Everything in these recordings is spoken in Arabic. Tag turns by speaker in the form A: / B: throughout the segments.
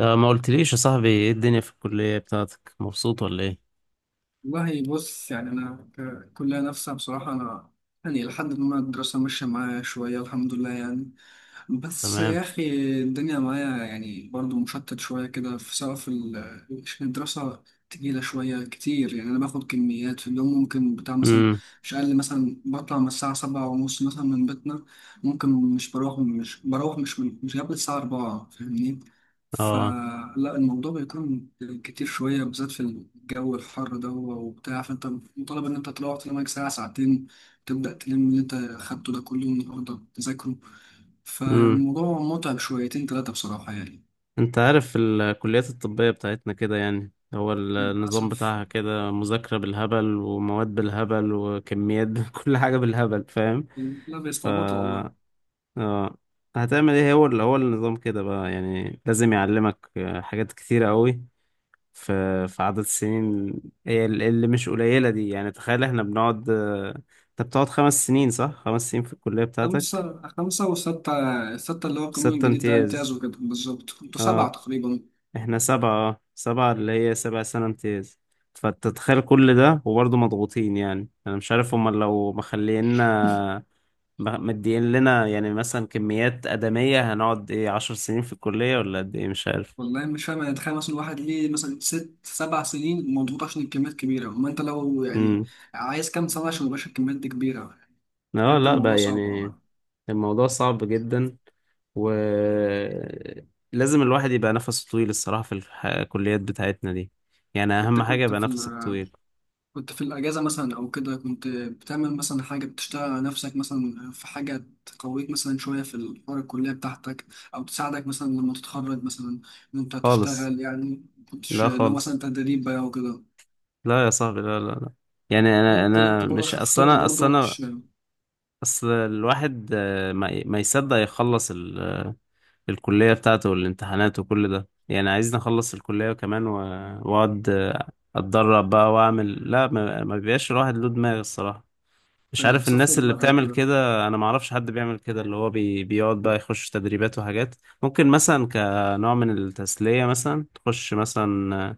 A: ما قلتليش يا صاحبي ايه الدنيا في الكلية بتاعتك، مبسوط ولا ايه؟
B: والله بص، يعني أنا كلية نفسها بصراحة. أنا يعني لحد ما الدراسة ماشية معايا شوية الحمد لله يعني. بس
A: تمام.
B: يا أخي الدنيا معايا يعني برضو مشتت شوية كده، في سواء عشان الدراسة تقيلة شوية كتير، يعني أنا باخد كميات في اليوم، ممكن بتاع مثلا
A: امم
B: مش أقل. مثلا بطلع من الساعة 7:30 مثلا من بيتنا، ممكن مش بروح مش بروح مش من مش قبل الساعة 4، فاهمني؟
A: اه.
B: فلا الموضوع بيكون كتير شوية، بالذات في الجو الحر ده وبتاع، فأنت مطالب إن أنت تروح تنام ساعة ساعتين، تبدأ تلم اللي أنت أخدته ده كله النهاردة تذاكره.
A: امم
B: فالموضوع متعب شويتين تلاتة بصراحة يعني.
A: انت عارف الكليات الطبية بتاعتنا كده، يعني هو النظام
B: للأسف.
A: بتاعها كده، مذاكرة بالهبل ومواد بالهبل وكميات كل حاجة بالهبل، فاهم.
B: لا،
A: ف
B: بيستعبطوا والله.
A: اه هتعمل ايه؟ هو اللي هو النظام كده بقى، يعني لازم يعلمك حاجات كتيرة قوي في عدد السنين، هي اللي مش قليلة دي. يعني تخيل احنا بنقعد. انت بتقعد 5 سنين صح؟ 5 سنين في الكلية بتاعتك.
B: خمسة، خمسة وستة. الستة اللي هو القانون
A: ستة
B: الجديد ده
A: امتياز.
B: امتيازوا كده، بالظبط. انتوا سبعة
A: اه،
B: تقريبا.
A: احنا سبعة اللي هي 7 سنة امتياز. فتتخيل كل ده وبرضه مضغوطين، يعني انا مش عارف هما لو مخلينا مدين لنا، يعني مثلا كميات آدمية، هنقعد ايه، 10 سنين في الكلية ولا قد ايه، مش عارف.
B: والله مش فاهم، يعني تخيل مثلا واحد ليه مثلا ست سبع سنين مضغوط عشان الكميات كبيرة، وما انت لو يعني
A: امم
B: عايز كام سنة عشان يبقاش الكميات دي كبيرة؟
A: لا،
B: بجد
A: لا
B: الموضوع
A: بقى
B: صعب
A: يعني.
B: والله.
A: الموضوع صعب جدا، ولازم الواحد يبقى نفسه طويل الصراحة في الكليات بتاعتنا دي، يعني
B: انت
A: أهم حاجة
B: كنت
A: يبقى
B: في
A: نفسك
B: ال-
A: طويل.
B: كنت في الأجازة مثلا أو كده، كنت بتعمل مثلا حاجة، بتشتغل على نفسك مثلا في حاجة تقويك مثلا شوية في الحوار الكلية بتاعتك، أو تساعدك مثلا لما تتخرج مثلا إن أنت
A: خالص.
B: تشتغل؟ يعني كنتش
A: لا
B: لو
A: خالص.
B: مثلا تدريب بقى وكده؟
A: لا يا صاحبي، لا لا لا. يعني أنا
B: ممكن أنت
A: أنا
B: برضه
A: مش
B: عشان في
A: أصل
B: طب
A: أنا أصل
B: برضه
A: أنا
B: مش
A: أصل الواحد ما يصدق يخلص الكلية بتاعته والامتحانات وكل ده. يعني عايزني أخلص الكلية كمان وأقعد، أتدرب بقى وأعمل لا. ما بيبقاش الواحد له دماغ الصراحة. مش عارف
B: تصفي
A: الناس اللي
B: دماغك
A: بتعمل
B: كده.
A: كده، انا ما اعرفش حد بيعمل كده اللي هو بيقعد بقى يخش تدريبات وحاجات. ممكن مثلا كنوع من التسلية مثلا تخش مثلا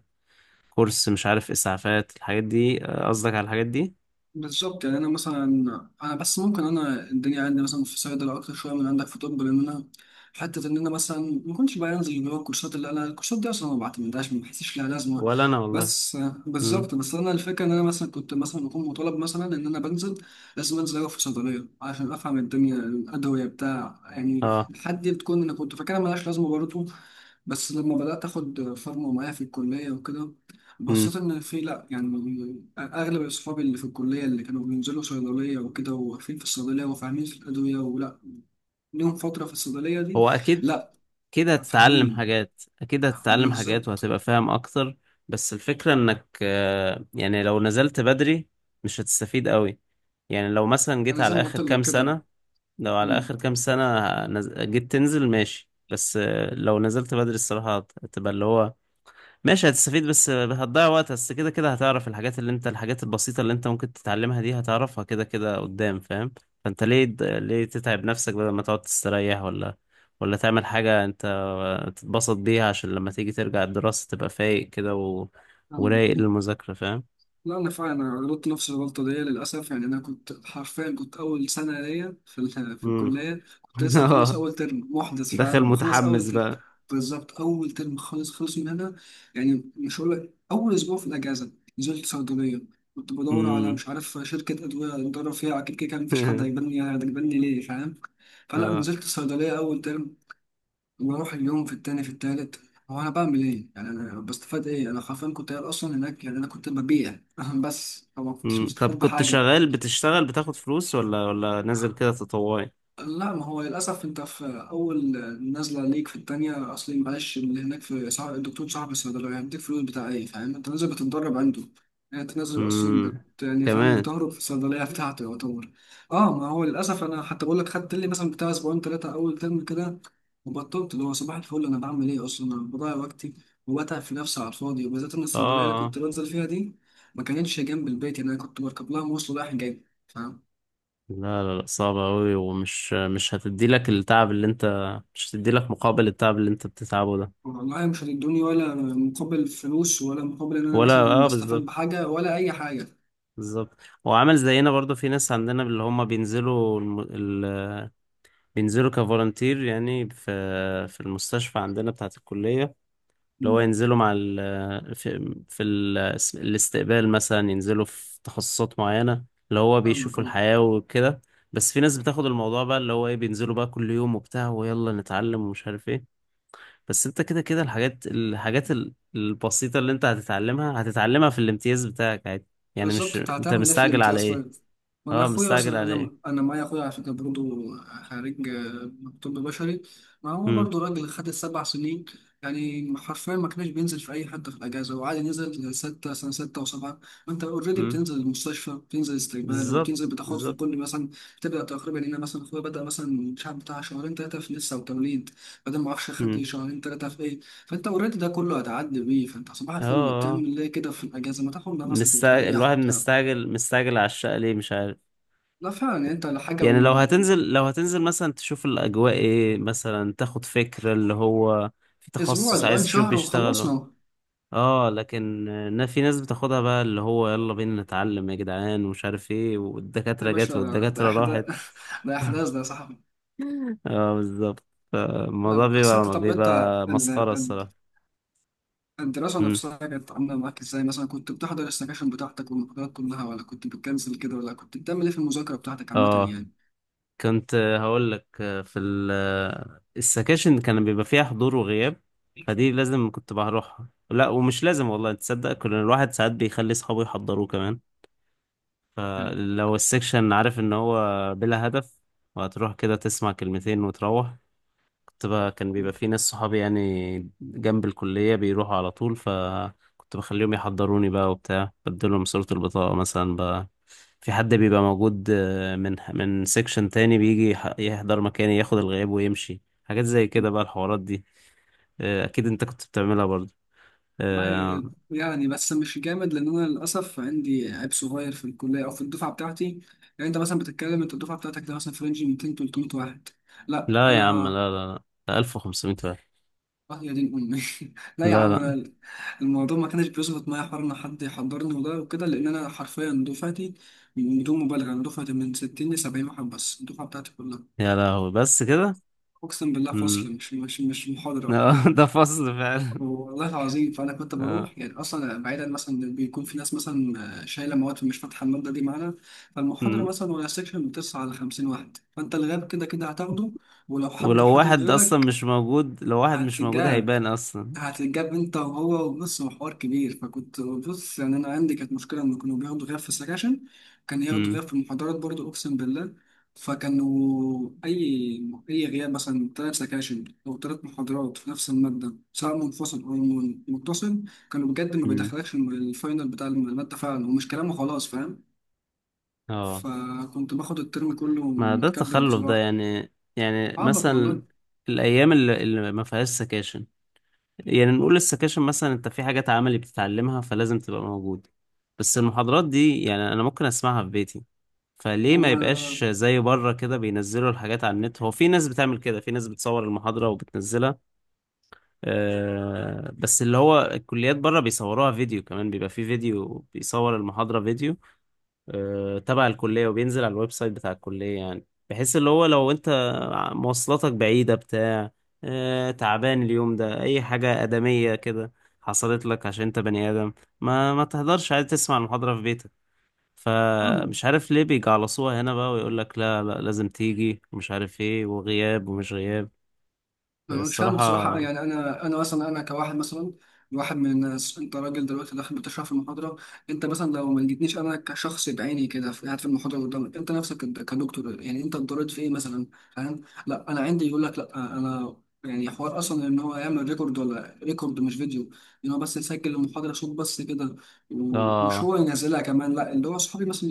A: كورس، مش عارف اسعافات، الحاجات دي قصدك، على الحاجات دي.
B: بالظبط، يعني انا مثلا انا بس ممكن انا الدنيا عندي مثلا في صيدله اكتر شويه من عندك في طب. لان انا حته ان انا مثلا ما كنتش بقى انزل اللي هو الكورسات، اللي انا الكورسات دي اصلا ما بعتمدهاش، ما بحسش لها لازمه.
A: ولا انا والله.
B: بس
A: امم
B: بالظبط، بس انا الفكره ان انا مثلا كنت مثلا بكون مطالب مثلا ان انا بنزل، لازم انزل اقف في صيدليه عشان افهم الدنيا الادويه بتاع، يعني
A: اه.
B: الحد دي بتكون انا كنت فاكرها ملهاش لازمه برضه. بس لما بدأت آخد فورمة معايا في الكلية وكده،
A: امم
B: بصيت إن في، لأ يعني أغلب أصحابي اللي في الكلية اللي كانوا بينزلوا صيدلية وكده، وواقفين في الصيدلية وفاهمين في الأدوية، ولأ ليهم فترة في الصيدلية دي.
A: هو اكيد
B: لأ.
A: كده هتتعلم
B: فاهمين،
A: حاجات، اكيد هتتعلم حاجات
B: بالظبط.
A: وهتبقى فاهم اكتر. بس الفكرة انك، يعني لو نزلت بدري مش هتستفيد قوي. يعني لو مثلا جيت
B: أنا زي
A: على
B: ما قلت
A: اخر
B: لك
A: كام
B: كده.
A: سنة، لو على آخر كام سنة جيت تنزل ماشي، بس، لو نزلت بدري الصراحة هتبقى اللي هو ماشي هتستفيد، بس، هتضيع وقت، بس كده كده هتعرف الحاجات اللي انت، الحاجات البسيطة اللي انت ممكن تتعلمها دي هتعرفها كده كده قدام، فاهم. فانت ليه ليه تتعب نفسك بدل ما تقعد تستريح، ولا ولا تعمل حاجة انت، تتبسط بيها عشان لما تيجي ترجع الدراسة تبقى فايق كده
B: مم.
A: ورايق للمذاكرة، فاهم.
B: لا، انا فعلا انا غلطت نفس الغلطه دي للاسف. يعني انا كنت حرفيا كنت اول سنه ليا في
A: امم
B: الكليه، كنت لسه مخلص
A: اه.
B: اول ترم، محدث
A: دخل
B: فعلا مخلص اول
A: متحمس
B: ترم.
A: بقى.
B: بالظبط، اول ترم خالص خالص. من هنا يعني، مش هقول لك اول اسبوع في الاجازه نزلت صيدليه. كنت بدور على
A: امم
B: مش عارف شركه ادويه ندرب فيها، اكيد كده كان مفيش حد هيجبرني، ليه؟ فاهم؟ فلا
A: اه.
B: نزلت صيدليه اول ترم، بروح اليوم في التاني، في التالت. هو انا بعمل ايه يعني؟ انا بستفاد ايه؟ انا حرفيا كنت قاعد اصلا هناك، يعني انا كنت ببيع بس، فما كنتش
A: مم. طب
B: مستفاد
A: كنت
B: بحاجه.
A: شغال، بتشتغل بتاخد فلوس ولا نازل كده تطوعي؟
B: لا، ما هو للأسف أنت في أول نازلة ليك في التانية. أصلي معلش، اللي هناك في صاحب الصيدلية، يعني هيديك فلوس بتاع إيه؟ فاهم؟ أنت نازل بتتدرب عنده، يعني أنت نازل أصلا بت،
A: امم
B: يعني فاهم،
A: كمان.
B: بتهرب في الصيدلية بتاعته يعتبر. أه، ما هو للأسف أنا حتى بقول لك خدت لي مثلا بتاع أسبوعين تلاتة أول ترم كده وبطلت. اللي هو صباح الفل، أنا بعمل إيه أصلا؟ أنا بضيع وقتي وبتعب في نفسي على الفاضي، وبالذات إن
A: اه،
B: الصيدلية اللي
A: آه.
B: كنت بنزل فيها دي ما كانتش جنب البيت، يعني أنا كنت بركب لها مواصلة رايح جاي، فاهم؟
A: لا لا لا صعبة أوي، ومش مش هتدي لك التعب اللي أنت، مش هتدي لك مقابل التعب اللي أنت بتتعبه ده.
B: والله مش هتدوني ولا مقابل فلوس، ولا مقابل ان انا
A: ولا،
B: مثلا
A: اه
B: بستفاد
A: بالظبط.
B: بحاجه ولا اي حاجه.
A: بالظبط. وعامل زينا برضو، في ناس عندنا اللي هم بينزلوا بينزلوا كفولنتير، يعني في المستشفى عندنا بتاعة الكلية، اللي هو
B: مم.
A: ينزلوا مع ال في, في ال الاستقبال مثلا، ينزلوا في تخصصات معينة اللي هو
B: فاهمك.
A: بيشوفوا
B: أه.
A: الحياة وكده. بس في ناس بتاخد الموضوع بقى اللي هو ايه، بينزلوا بقى كل يوم وبتاع ويلا نتعلم ومش عارف ايه. بس انت كده كده الحاجات البسيطة اللي انت هتتعلمها في الامتياز بتاعك عادي، يعني مش
B: بالظبط، انت
A: انت
B: هتعمل ايه في
A: مستعجل على
B: الامتياز
A: ايه.
B: طيب؟ ما انا
A: اه،
B: اخويا
A: مستعجل
B: اصلا،
A: على ايه.
B: انا معايا اخويا على فكره برضه، خريج طب بشري. ما هو
A: امم
B: برضه راجل خد السبع سنين، يعني حرفيا ما كانش بينزل في اي حته في الاجازه، وعادي نزل سته سنه سته وسبعه. وانت اوريدي
A: امم
B: بتنزل المستشفى، بتنزل استقبال،
A: بالظبط.
B: وبتنزل بتاخد في
A: بالظبط.
B: كل مثلا. بتبدا تقريبا هنا مثلا اخويا بدا مثلا مش عارف بتاع شهرين ثلاثه في لسه وتوليد، بعدين ما اعرفش خد
A: امم
B: شهرين ثلاثه في ايه، فانت اوريدي ده كله هتعدي بيه. فانت صباح
A: اه
B: الفل
A: آه.
B: بتعمل ايه كده في الاجازه؟ ما تاخد نفسك
A: مستعجل،
B: وتريح
A: الواحد
B: وبتاع.
A: مستعجل على الشقة ليه، مش عارف.
B: لا فعلا يعني، انت لحاجه و.
A: يعني لو هتنزل مثلا تشوف الأجواء ايه، مثلا تاخد فكرة اللي هو في
B: اسبوع،
A: تخصص
B: اسبوعين،
A: عايز تشوف
B: شهر،
A: بيشتغلوا.
B: وخلصنا اهو.
A: اه لكن، في ناس بتاخدها بقى اللي هو يلا بينا نتعلم يا جدعان، ومش عارف ايه،
B: يا
A: والدكاترة
B: باشا،
A: جت
B: ده
A: والدكاترة
B: احداث
A: راحت.
B: ده احداث ده يا صاحبي.
A: اه بالظبط.
B: لا،
A: فالموضوع
B: بس انت طب
A: بيبقى
B: انت ال-
A: مسخرة
B: ال-
A: الصراحة.
B: الدراسه
A: مم.
B: نفسها كانت عامله معاك ازاي مثلا؟ كنت بتحضر السكاشن بتاعتك والمحاضرات كلها، ولا كنت بتكنسل كده؟ ولا كنت بتعمل ايه في المذاكره بتاعتك عامه؟
A: اه، كنت هقول لك في السكاشن كان بيبقى فيها حضور وغياب، فدي لازم كنت بروحها، لا ومش لازم، والله تصدق، كل الواحد ساعات بيخلي صحابه يحضروه كمان.
B: يعني
A: فلو السكشن عارف ان هو بلا هدف، وهتروح كده تسمع كلمتين وتروح، كنت بقى كان بيبقى في ناس صحابي يعني جنب الكلية بيروحوا على طول، فكنت بخليهم يحضروني بقى وبتاع، بديلهم صورة البطاقة مثلا بقى، في حد بيبقى موجود، من سيكشن تاني بيجي يحضر مكاني، ياخد الغياب ويمشي، حاجات زي كده بقى الحوارات دي. أكيد أنت كنت بتعملها برضه. آه،
B: والله يعني، بس مش جامد، لان انا للاسف عندي عيب صغير في الكليه او في الدفعه بتاعتي. يعني انت مثلا بتتكلم، انت الدفعه بتاعتك ده مثلا في رينج 200، 300 واحد. لا،
A: لا يا عم،
B: انا
A: لا لا لا، ده 1500 واحد.
B: آه، يا دين امي لا يا
A: لا
B: عم
A: لا.
B: انا، الموضوع ما كانش بيظبط معايا حوار ان حد يحضرني وده وكده، لان انا حرفيا دفعتي، بدون مبالغه انا دفعتي من 60 ل 70 واحد بس الدفعه بتاعتي كلها.
A: يا لهوي، بس كده.
B: اقسم بالله،
A: مم.
B: فصل، مش محاضره، فاهم؟
A: ده فصل فعلا.
B: والله العظيم، فانا كنت بروح يعني، اصلا بعيدا مثلا بيكون في ناس مثلا شايله مواد، في مش فاتحه الماده دي معانا. فالمحاضره
A: آه.
B: مثلا ولا سيكشن بتسعة على 50 واحد، فانت الغاب كده كده هتاخده. ولو حد
A: ولو
B: حضر
A: واحد اصلا
B: غيرك
A: مش موجود، لو واحد مش موجود
B: هتتجاب،
A: هيبان اصلا.
B: هتتجاب انت وهو. وبص، هو حوار كبير. فكنت بص، يعني انا عندي كانت مشكله ان كانوا بياخدوا غياب في السكاشن، كان ياخدوا
A: امم
B: غياب في المحاضرات برضو، اقسم بالله. فكانوا اي غياب مثلا ثلاث سكاشن او ثلاث محاضرات في نفس الماده، سواء منفصل او متصل، كانوا بجد ما
A: امم
B: بيدخلكش الفاينل بتاع الماده فعلا، ومش كلام وخلاص، فاهم؟
A: اه.
B: فكنت باخد الترم كله
A: ما ده
B: متكدر
A: التخلف ده،
B: بصراحه.
A: يعني
B: عبط والله.
A: مثلا الايام اللي ما فيهاش سكاشن، يعني نقول السكاشن مثلا، انت في حاجات عملي بتتعلمها فلازم تبقى موجود. بس المحاضرات دي يعني انا ممكن اسمعها في بيتي، فليه ما يبقاش زي بره كده بينزلوا الحاجات على النت؟ هو في ناس بتعمل كده، في ناس بتصور المحاضرة وبتنزلها. بس اللي هو الكليات بره بيصوروها فيديو كمان، بيبقى في فيديو بيصور المحاضرة فيديو، تبع الكلية، وبينزل على الويب سايت بتاع الكلية، يعني بحيث اللي هو لو انت مواصلاتك بعيدة بتاع، تعبان اليوم ده، اي حاجة آدمية كده حصلت لك عشان انت بني آدم، ما تهدرش، عادي تسمع المحاضرة في بيتك.
B: هما،
A: فمش عارف ليه بيجعلصوها هنا بقى، ويقول لك لا لا لازم تيجي، ومش عارف ايه، وغياب ومش غياب.
B: أنا مش فاهم
A: الصراحة
B: بصراحة. يعني أنا أنا مثلا أنا كواحد مثلا، واحد من الناس، أنت راجل دلوقتي داخل بتشرح في المحاضرة. أنت مثلا لو ما لقيتنيش أنا كشخص بعيني كده قاعد في المحاضرة قدامك، أنت نفسك كدكتور، يعني أنت اتضررت في إيه مثلا؟ فاهم؟ لا، أنا عندي يقول لك لا أنا، يعني حوار أصلا إن هو يعمل ريكورد، ولا ريكورد مش فيديو، إن هو بس يسجل المحاضرة صوت بس كده. ومش
A: اه،
B: هو ينزلها كمان، لا، اللي هو أصحابي مثلا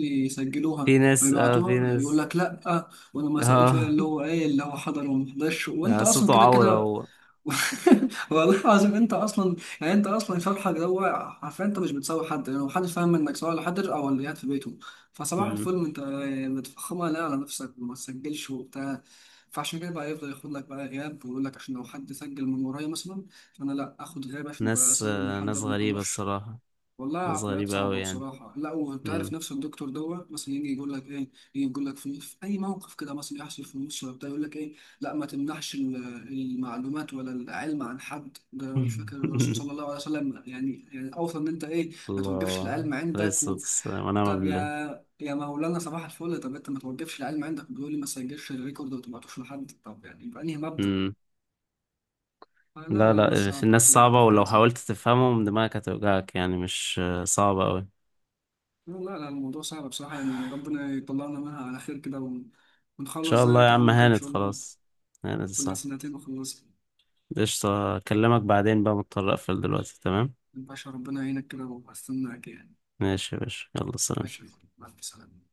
A: في
B: يسجلوها
A: ناس،
B: ويبعتوها، يقول لك لا. وانا ما سويتش ولا
A: اه
B: اللي هو ايه، اللي هو حضر وما حضرش وانت
A: ،
B: اصلا
A: صوته
B: كده
A: عورة
B: كده.
A: هو.
B: والله العظيم، انت اصلا يعني، انت اصلا شرحك ده، هو عارفين انت مش بتساوي حد، يعني محدش فاهم انك، سواء اللي حضر او اللي قاعد في بيته، فصباح
A: مم.
B: الفل انت متفخمها لا على نفسك، وما تسجلش وبتاع. فعشان كده بقى يفضل ياخد لك بقى غياب، ويقول لك عشان لو حد سجل من ورايا مثلا، فانا لا اخد غياب عشان بقى
A: ناس
B: اسوي اللي
A: آه ناس
B: حضر وما
A: غريبة
B: حضرش.
A: الصراحة.
B: والله
A: ناس
B: عقليات
A: غريبة أوي
B: صعبة
A: يعني.
B: بصراحة. لا، وانت عارف
A: مم.
B: نفس الدكتور دوت مثلا يجي يقول لك ايه، يجي يقول لك في اي موقف كده مثلا يحصل في النص ولا بتاع، يقول لك ايه؟ لا، ما تمنحش المعلومات ولا العلم عن حد، ده أنا مش فاكر الرسول صلى الله عليه وسلم يعني يعني اوصى ان انت ايه، ما توقفش
A: الله،
B: العلم
A: عليه
B: عندك
A: الصلاة
B: و.
A: والسلام ونعم
B: طب يا
A: بالله.
B: يا مولانا، صباح الفل، طب انت ما توقفش العلم عندك بيقول لي ما تسجلش الريكورد وما تبعتوش لحد، طب يعني بأنهي مبدأ؟
A: مم.
B: آه، لا
A: لا
B: لا، الناس
A: لا، في
B: صعبة
A: الناس
B: بصراحة،
A: صعبة، ولو
B: تفكيرها صعب.
A: حاولت تفهمهم دماغك هتوجعك، يعني مش، صعبة أوي، إن
B: لا لا لا، الموضوع صعب بصراحة، يعني ربنا يطلعنا منها على خير كده، ونخلص
A: شاء الله يا
B: زيك يا
A: عم،
B: عم كده إن
A: هانت
B: شاء الله.
A: خلاص. هانت
B: كلها
A: صح.
B: سنتين وخلصنا.
A: قشطة، أكلمك بعدين بقى، مضطر أقفل دلوقتي، تمام.
B: باشا ربنا يعينك كده، وأستناك يعني.
A: ماشي يا باشا، يلا سلام.
B: ماشي. مع السلامة.